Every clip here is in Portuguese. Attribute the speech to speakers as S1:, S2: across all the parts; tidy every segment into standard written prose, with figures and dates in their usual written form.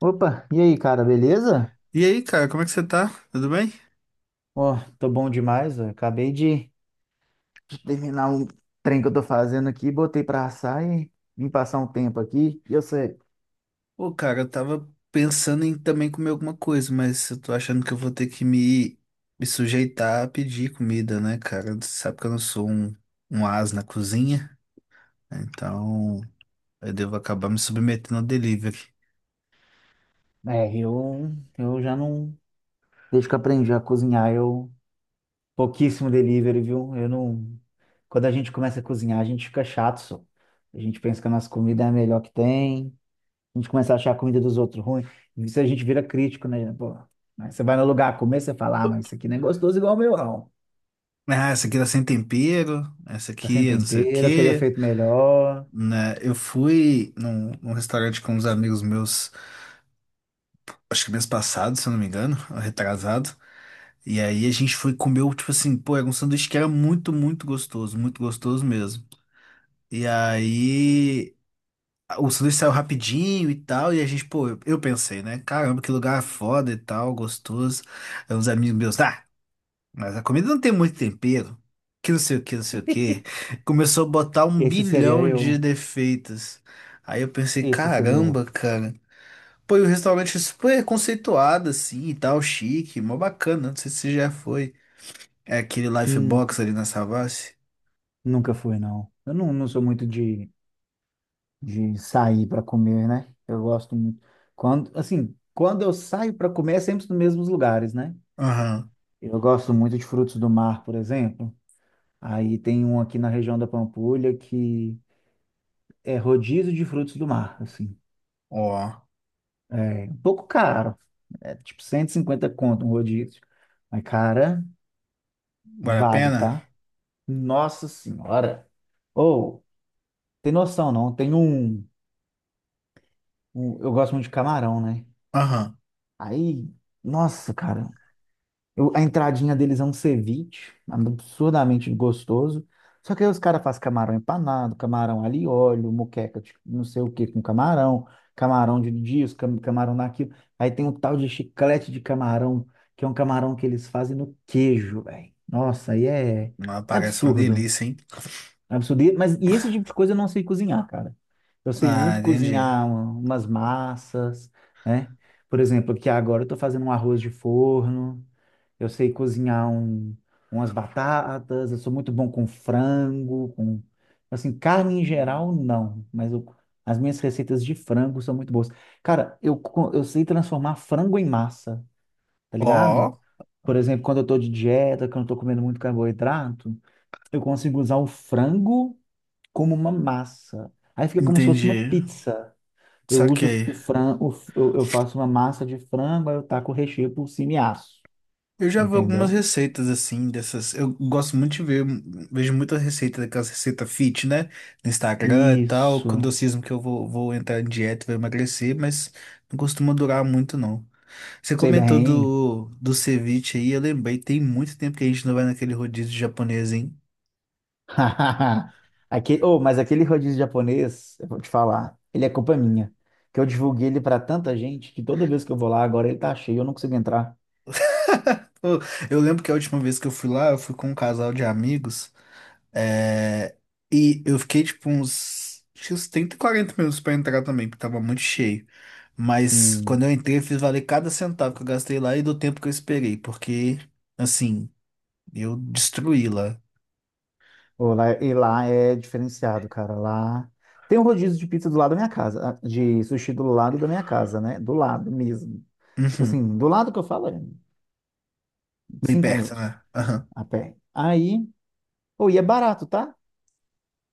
S1: Opa, e aí, cara, beleza?
S2: E aí, cara, como é que você tá? Tudo bem?
S1: Ó, tô bom demais, ó. Acabei de terminar um trem que eu tô fazendo aqui, botei pra assar e vim passar um tempo aqui. E eu sei,
S2: Pô, cara, eu tava pensando em também comer alguma coisa, mas eu tô achando que eu vou ter que me sujeitar a pedir comida, né, cara? Você sabe que eu não sou um as na cozinha, então eu devo acabar me submetendo ao delivery.
S1: é, eu já não, desde que eu aprendi a cozinhar, pouquíssimo delivery, viu? Eu não, quando a gente começa a cozinhar, a gente fica chato, só. A gente pensa que a nossa comida é a melhor que tem, a gente começa a achar a comida dos outros ruim, e isso a gente vira crítico, né? Pô, aí você vai no lugar comer, você fala, ah, mas isso aqui não é gostoso igual o meu, não.
S2: Ah, essa aqui tá sem tempero, essa
S1: Tá sem
S2: aqui é não sei o
S1: tempero, teria
S2: quê,
S1: feito melhor.
S2: né? Eu fui num restaurante com uns amigos meus, acho que mês passado, se eu não me engano, ou retrasado. E aí a gente foi comer, tipo assim, pô, era um sanduíche que era muito, muito gostoso mesmo. E aí o sanduíche saiu rapidinho e tal, e a gente, pô, eu pensei, né? Caramba, que lugar foda e tal, gostoso. Aí uns amigos meus, ah, mas a comida não tem muito tempero, que não sei o que, não sei o que. Começou a botar um
S1: Esse seria
S2: bilhão de
S1: eu.
S2: defeitos. Aí eu pensei,
S1: Esse seria eu.
S2: caramba, cara. Pô, e o restaurante super conceituado, assim, e tal, chique, mó bacana. Não sei se você já foi. É aquele Life
S1: Hum,
S2: Box ali na Savassi?
S1: nunca fui, não. Eu não, não sou muito de sair para comer, né? Eu gosto muito. Quando, assim, quando eu saio para comer, é sempre nos mesmos lugares, né?
S2: Aham.
S1: Eu gosto muito de frutos do mar, por exemplo. Aí tem um aqui na região da Pampulha que é rodízio de frutos do mar, assim.
S2: Ó,
S1: É um pouco caro. É tipo 150 conto um rodízio. Mas, cara,
S2: vale a
S1: vale,
S2: pena?
S1: tá? Nossa Senhora. Ou, tem noção, não? Eu gosto muito de camarão, né?
S2: Aham.
S1: Aí, nossa, cara. A entradinha deles é um ceviche, absurdamente gostoso. Só que aí os caras fazem camarão empanado, camarão alho e óleo, moqueca de não sei o que com camarão, camarão de disco, camarão daquilo. Aí tem um tal de chiclete de camarão, que é um camarão que eles fazem no queijo, velho.
S2: Mas
S1: É
S2: parece uma
S1: absurdo.
S2: delícia, hein?
S1: Absurdo. Mas e esse tipo de coisa eu não sei cozinhar, cara. Eu sei
S2: Ah,
S1: muito
S2: entendi.
S1: cozinhar umas massas, né? Por exemplo, aqui agora eu tô fazendo um arroz de forno, eu sei cozinhar umas batatas, eu sou muito bom com frango, com... Assim, carne em geral, não. Mas eu- as minhas receitas de frango são muito boas. Cara, eu sei transformar frango em massa, tá ligado?
S2: Ó,
S1: Por exemplo, quando eu tô de dieta, quando eu tô comendo muito carboidrato, eu consigo usar o frango como uma massa. Aí fica como se fosse uma
S2: entendi.
S1: pizza. Eu uso
S2: Saquei.
S1: o frango, eu faço uma massa de frango, aí eu taco o recheio por cima e asso.
S2: Eu já vi algumas
S1: Entendeu?
S2: receitas assim, dessas. Eu gosto muito de ver, vejo muitas receitas, daquelas receitas fit, né? No Instagram e tal. Quando eu
S1: Isso.
S2: cismo que eu vou, vou entrar em dieta, vou emagrecer, mas não costuma durar muito, não. Você
S1: Sei
S2: comentou
S1: bem.
S2: do ceviche aí, eu lembrei, tem muito tempo que a gente não vai naquele rodízio japonês, hein?
S1: Aquele, oh, mas aquele rodízio japonês, eu vou te falar, ele é culpa minha. Que eu divulguei ele para tanta gente que toda vez que eu vou lá agora ele tá cheio, eu não consigo entrar.
S2: Pô, eu lembro que a última vez que eu fui lá, eu fui com um casal de amigos, é, e eu fiquei tipo uns, tinha uns 30, 40 minutos pra entrar também, porque tava muito cheio. Mas
S1: Sim.
S2: quando eu entrei, eu fiz valer cada centavo que eu gastei lá e do tempo que eu esperei, porque, assim, eu destruí lá.
S1: E lá é diferenciado, cara. Lá tem um rodízio de pizza do lado da minha casa, ah, de sushi do lado da minha casa, né? Do lado mesmo. Tipo
S2: Uhum.
S1: assim, do lado que eu falo é
S2: Bem
S1: 5
S2: perto,
S1: minutos
S2: né? Aham.
S1: a pé. Aí, pô, e é barato, tá?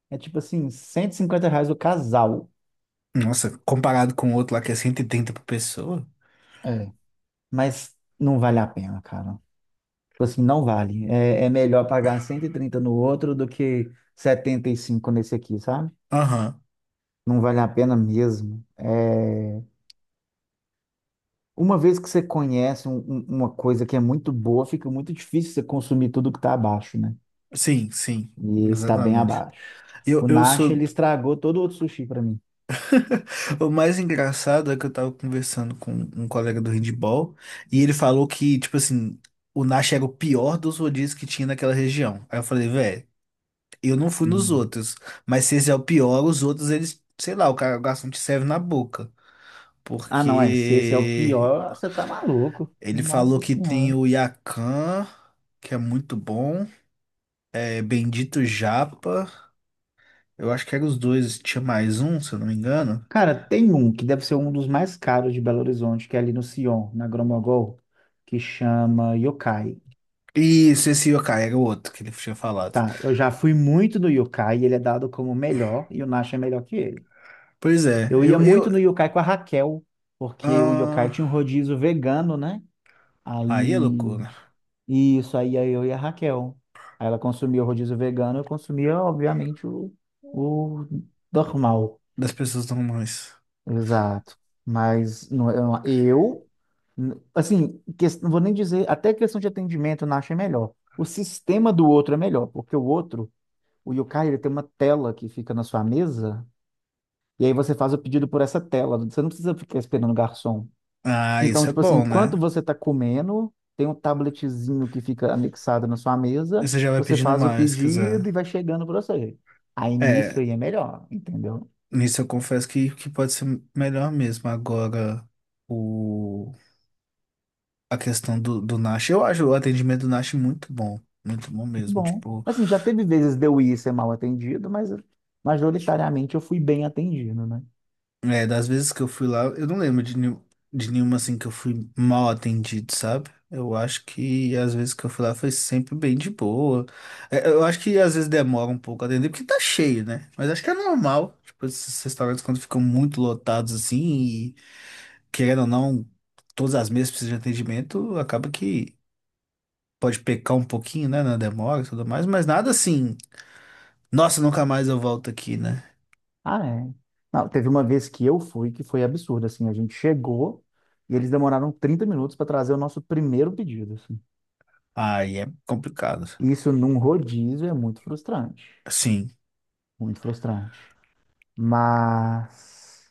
S1: É tipo assim, 150 reais o casal.
S2: Nossa, comparado com o outro lá que é cento e trinta por pessoa?
S1: É. Mas não vale a pena, cara. Tipo assim, não vale. É, é melhor pagar 130 no outro do que 75 nesse aqui, sabe?
S2: Aham.
S1: Não vale a pena mesmo. É. Uma vez que você conhece uma coisa que é muito boa, fica muito difícil você consumir tudo que está abaixo, né?
S2: Sim, sim,
S1: E está bem
S2: exatamente.
S1: abaixo.
S2: Eu,
S1: O
S2: eu
S1: Nash,
S2: sou.
S1: ele estragou todo o outro sushi para mim.
S2: O mais engraçado é que eu tava conversando com um colega do handball e ele falou que, tipo assim, o Nash era o pior dos rodízios que tinha naquela região. Aí eu falei, velho, eu não fui nos
S1: Hum.
S2: outros, mas se esse é o pior, os outros, eles, sei lá, o cara gasta um te serve na boca.
S1: Ah, não, é. Se esse é o
S2: Porque
S1: pior, você tá maluco.
S2: ele falou
S1: Nossa
S2: que
S1: Senhora.
S2: tem o Yakan, que é muito bom, é Bendito Japa, eu acho que eram os dois, tinha mais um, se eu não me engano.
S1: Cara, tem um que deve ser um dos mais caros de Belo Horizonte, que é ali no Sion, na Gromogol, que chama Yokai.
S2: E esse Yokai era o outro que ele tinha falado.
S1: Tá, eu já fui muito no Yokai, ele é dado como o melhor e o Nash é melhor que ele.
S2: Pois é,
S1: Eu ia muito no yokai com a Raquel, porque o yokai
S2: ah,
S1: tinha um rodízio vegano, né?
S2: aí é
S1: Aí,
S2: loucura
S1: isso, aí ia eu e a Raquel. Aí ela consumia o rodízio vegano, eu consumia, obviamente, o normal.
S2: das pessoas normais.
S1: Exato. Mas não- eu, n- assim, ques- Não vou nem dizer, até questão de atendimento eu não achei melhor. O sistema do outro é melhor, porque o yokai, ele tem uma tela que fica na sua mesa, e aí você faz o pedido por essa tela, você não precisa ficar esperando o garçom.
S2: Ah,
S1: Então,
S2: isso é
S1: tipo assim,
S2: bom, né?
S1: enquanto você está comendo, tem um tabletzinho que fica anexado na sua mesa,
S2: Você já vai
S1: você
S2: pedindo
S1: faz o
S2: mais, se quiser.
S1: pedido e vai chegando para você. Aí nisso
S2: É,
S1: aí é melhor, entendeu?
S2: nisso eu confesso que pode ser melhor mesmo. Agora, o, a questão do Nash, eu acho o atendimento do Nash muito bom
S1: Muito
S2: mesmo.
S1: bom.
S2: Tipo,
S1: Assim, já teve vezes de eu ir ser mal atendido, mas majoritariamente eu fui bem atendido, né?
S2: é, das vezes que eu fui lá, eu não lembro de, de nenhuma assim que eu fui mal atendido, sabe? Eu acho que as vezes que eu fui lá foi sempre bem de boa. É, eu acho que às vezes demora um pouco a atender, porque tá cheio, né? Mas acho que é normal. Tipo, esses restaurantes quando ficam muito lotados assim, e querendo ou não, todas as mesas precisam de atendimento, acaba que pode pecar um pouquinho, né, na demora e tudo mais, mas nada assim, nossa, nunca mais eu volto aqui, né?
S1: Ah, é. Não, teve uma vez que eu fui que foi absurdo, assim, a gente chegou e eles demoraram 30 minutos para trazer o nosso primeiro pedido, assim.
S2: Aí é complicado.
S1: Isso num rodízio é muito frustrante,
S2: Sim.
S1: muito frustrante. Mas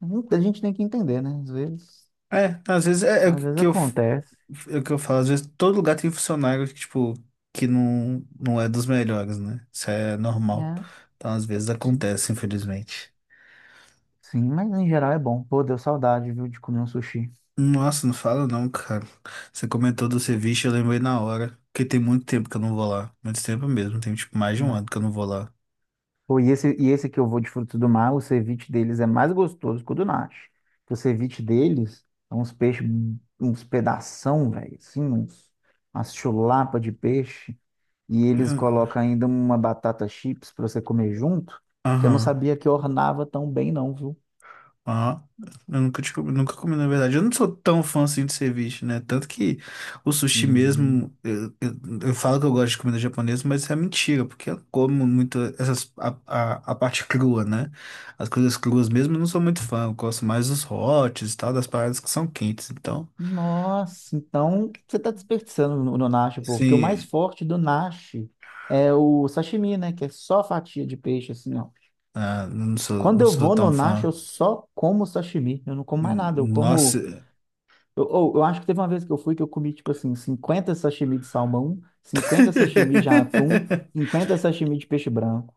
S1: a gente tem que entender, né?
S2: É, às vezes
S1: Às vezes acontece.
S2: É o que eu falo, às vezes todo lugar tem funcionário que, tipo, que não, não é dos melhores, né? Isso é normal.
S1: É.
S2: Então, às vezes
S1: Sim,
S2: acontece, infelizmente.
S1: sim, mas em geral é bom. Pô, deu saudade, viu, de comer um sushi.
S2: Nossa, não fala não, cara. Você comentou do ceviche, eu lembrei na hora. Porque tem muito tempo que eu não vou lá. Muito tempo mesmo, tem tipo mais de um
S1: Não.
S2: ano que eu não vou lá.
S1: Pô, e esse que eu vou de frutos do mar, o ceviche deles é mais gostoso que o do Nashi. O ceviche deles é uns peixes, uns pedação, velho, assim, uns, umas chulapa de peixe. E eles colocam
S2: Ah,
S1: ainda uma batata chips pra você comer junto, que eu não
S2: aham.
S1: sabia que ornava tão bem, não, viu?
S2: Ah, eu nunca, nunca comi, na verdade. Eu não sou tão fã assim de ceviche, né? Tanto que o sushi
S1: Uhum.
S2: mesmo, eu falo que eu gosto de comida japonesa, mas isso é mentira, porque eu como muito essas, a parte crua, né? As coisas cruas mesmo eu não sou muito fã. Eu gosto mais dos hots e tal, das paradas que são quentes. Então,
S1: Nossa, então você está desperdiçando no nacho, pô, porque o mais
S2: sim,
S1: forte do nacho é o sashimi, né? Que é só fatia de peixe, assim, ó.
S2: ah, não sou,
S1: Quando
S2: não
S1: eu
S2: sou
S1: vou
S2: tão
S1: no nacho, eu
S2: fã.
S1: só como sashimi, eu não como mais nada, eu como...
S2: Nossa.
S1: Eu acho que teve uma vez que eu fui que eu comi, tipo assim, 50 sashimi de salmão, 50 sashimi de atum, 50 sashimi de peixe branco.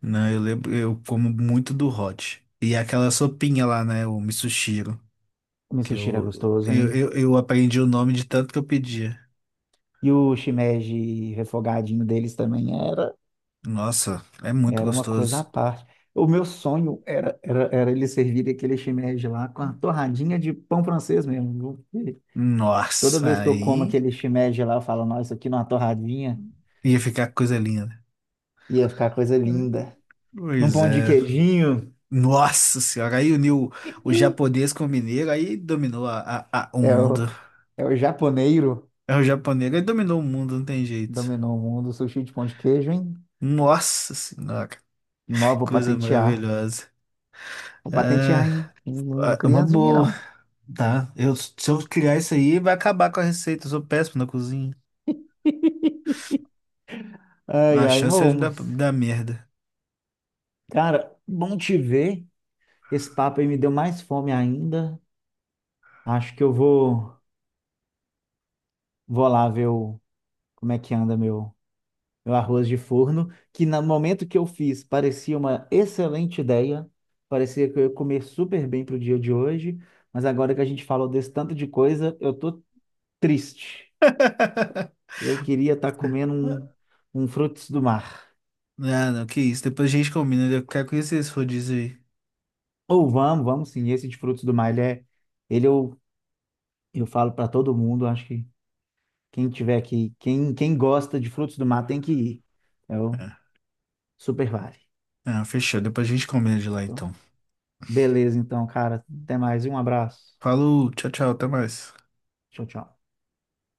S2: Não, eu lembro, eu como muito do hot. E aquela sopinha lá, né? O misoshiro.
S1: O meu
S2: Que
S1: sushi era gostoso, hein?
S2: eu aprendi o nome de tanto que eu pedia.
S1: E o shimeji refogadinho deles também era.
S2: Nossa, é muito
S1: Era uma coisa à
S2: gostoso.
S1: parte. O meu sonho era eles servirem aquele shimeji lá com a torradinha de pão francês mesmo. Viu? Toda
S2: Nossa,
S1: vez que eu como
S2: aí
S1: aquele shimeji lá, eu falo, nossa, isso aqui numa torradinha
S2: ia ficar coisa linda.
S1: ia ficar coisa linda. Num
S2: Pois
S1: pão de
S2: é.
S1: queijinho.
S2: Nossa senhora, aí uniu o japonês com o mineiro, aí dominou o
S1: É
S2: mundo.
S1: o, é o japoneiro
S2: É o japonês, aí dominou o mundo, não tem jeito.
S1: dominou o mundo, sushi de pão de queijo, hein?
S2: Nossa senhora, que
S1: Nó, vou
S2: coisa
S1: patentear.
S2: maravilhosa.
S1: Vou patentear,
S2: É,
S1: hein? Não, não
S2: é uma
S1: criança de mim,
S2: boa,
S1: não.
S2: tá? Eu, se eu criar isso aí, vai acabar com a receita. Eu sou péssimo na cozinha.
S1: Ai,
S2: A
S1: ai,
S2: chance é de
S1: bom.
S2: dar, dar merda.
S1: Cara, bom te ver. Esse papo aí me deu mais fome ainda. Acho que vou lá ver como é que anda meu arroz de forno, que no momento que eu fiz parecia uma excelente ideia, parecia que eu ia comer super bem pro dia de hoje, mas agora que a gente falou desse tanto de coisa, eu tô triste. Eu queria estar comendo um frutos do mar.
S2: Não, não, que isso. Depois a gente combina. Eu quero conhecer esse rodízio aí.
S1: Ou vamos, vamos sim, esse de frutos do mar, ele é, ele eu falo para todo mundo, acho que quem tiver aqui, quem gosta de frutos do mar tem que ir. Eu
S2: É.
S1: super vale.
S2: Ah, fechou. Depois a gente combina de lá,
S1: Show?
S2: então.
S1: Beleza, então, cara. Até mais e um abraço.
S2: Falou, tchau, tchau, até mais.
S1: Tchau, tchau.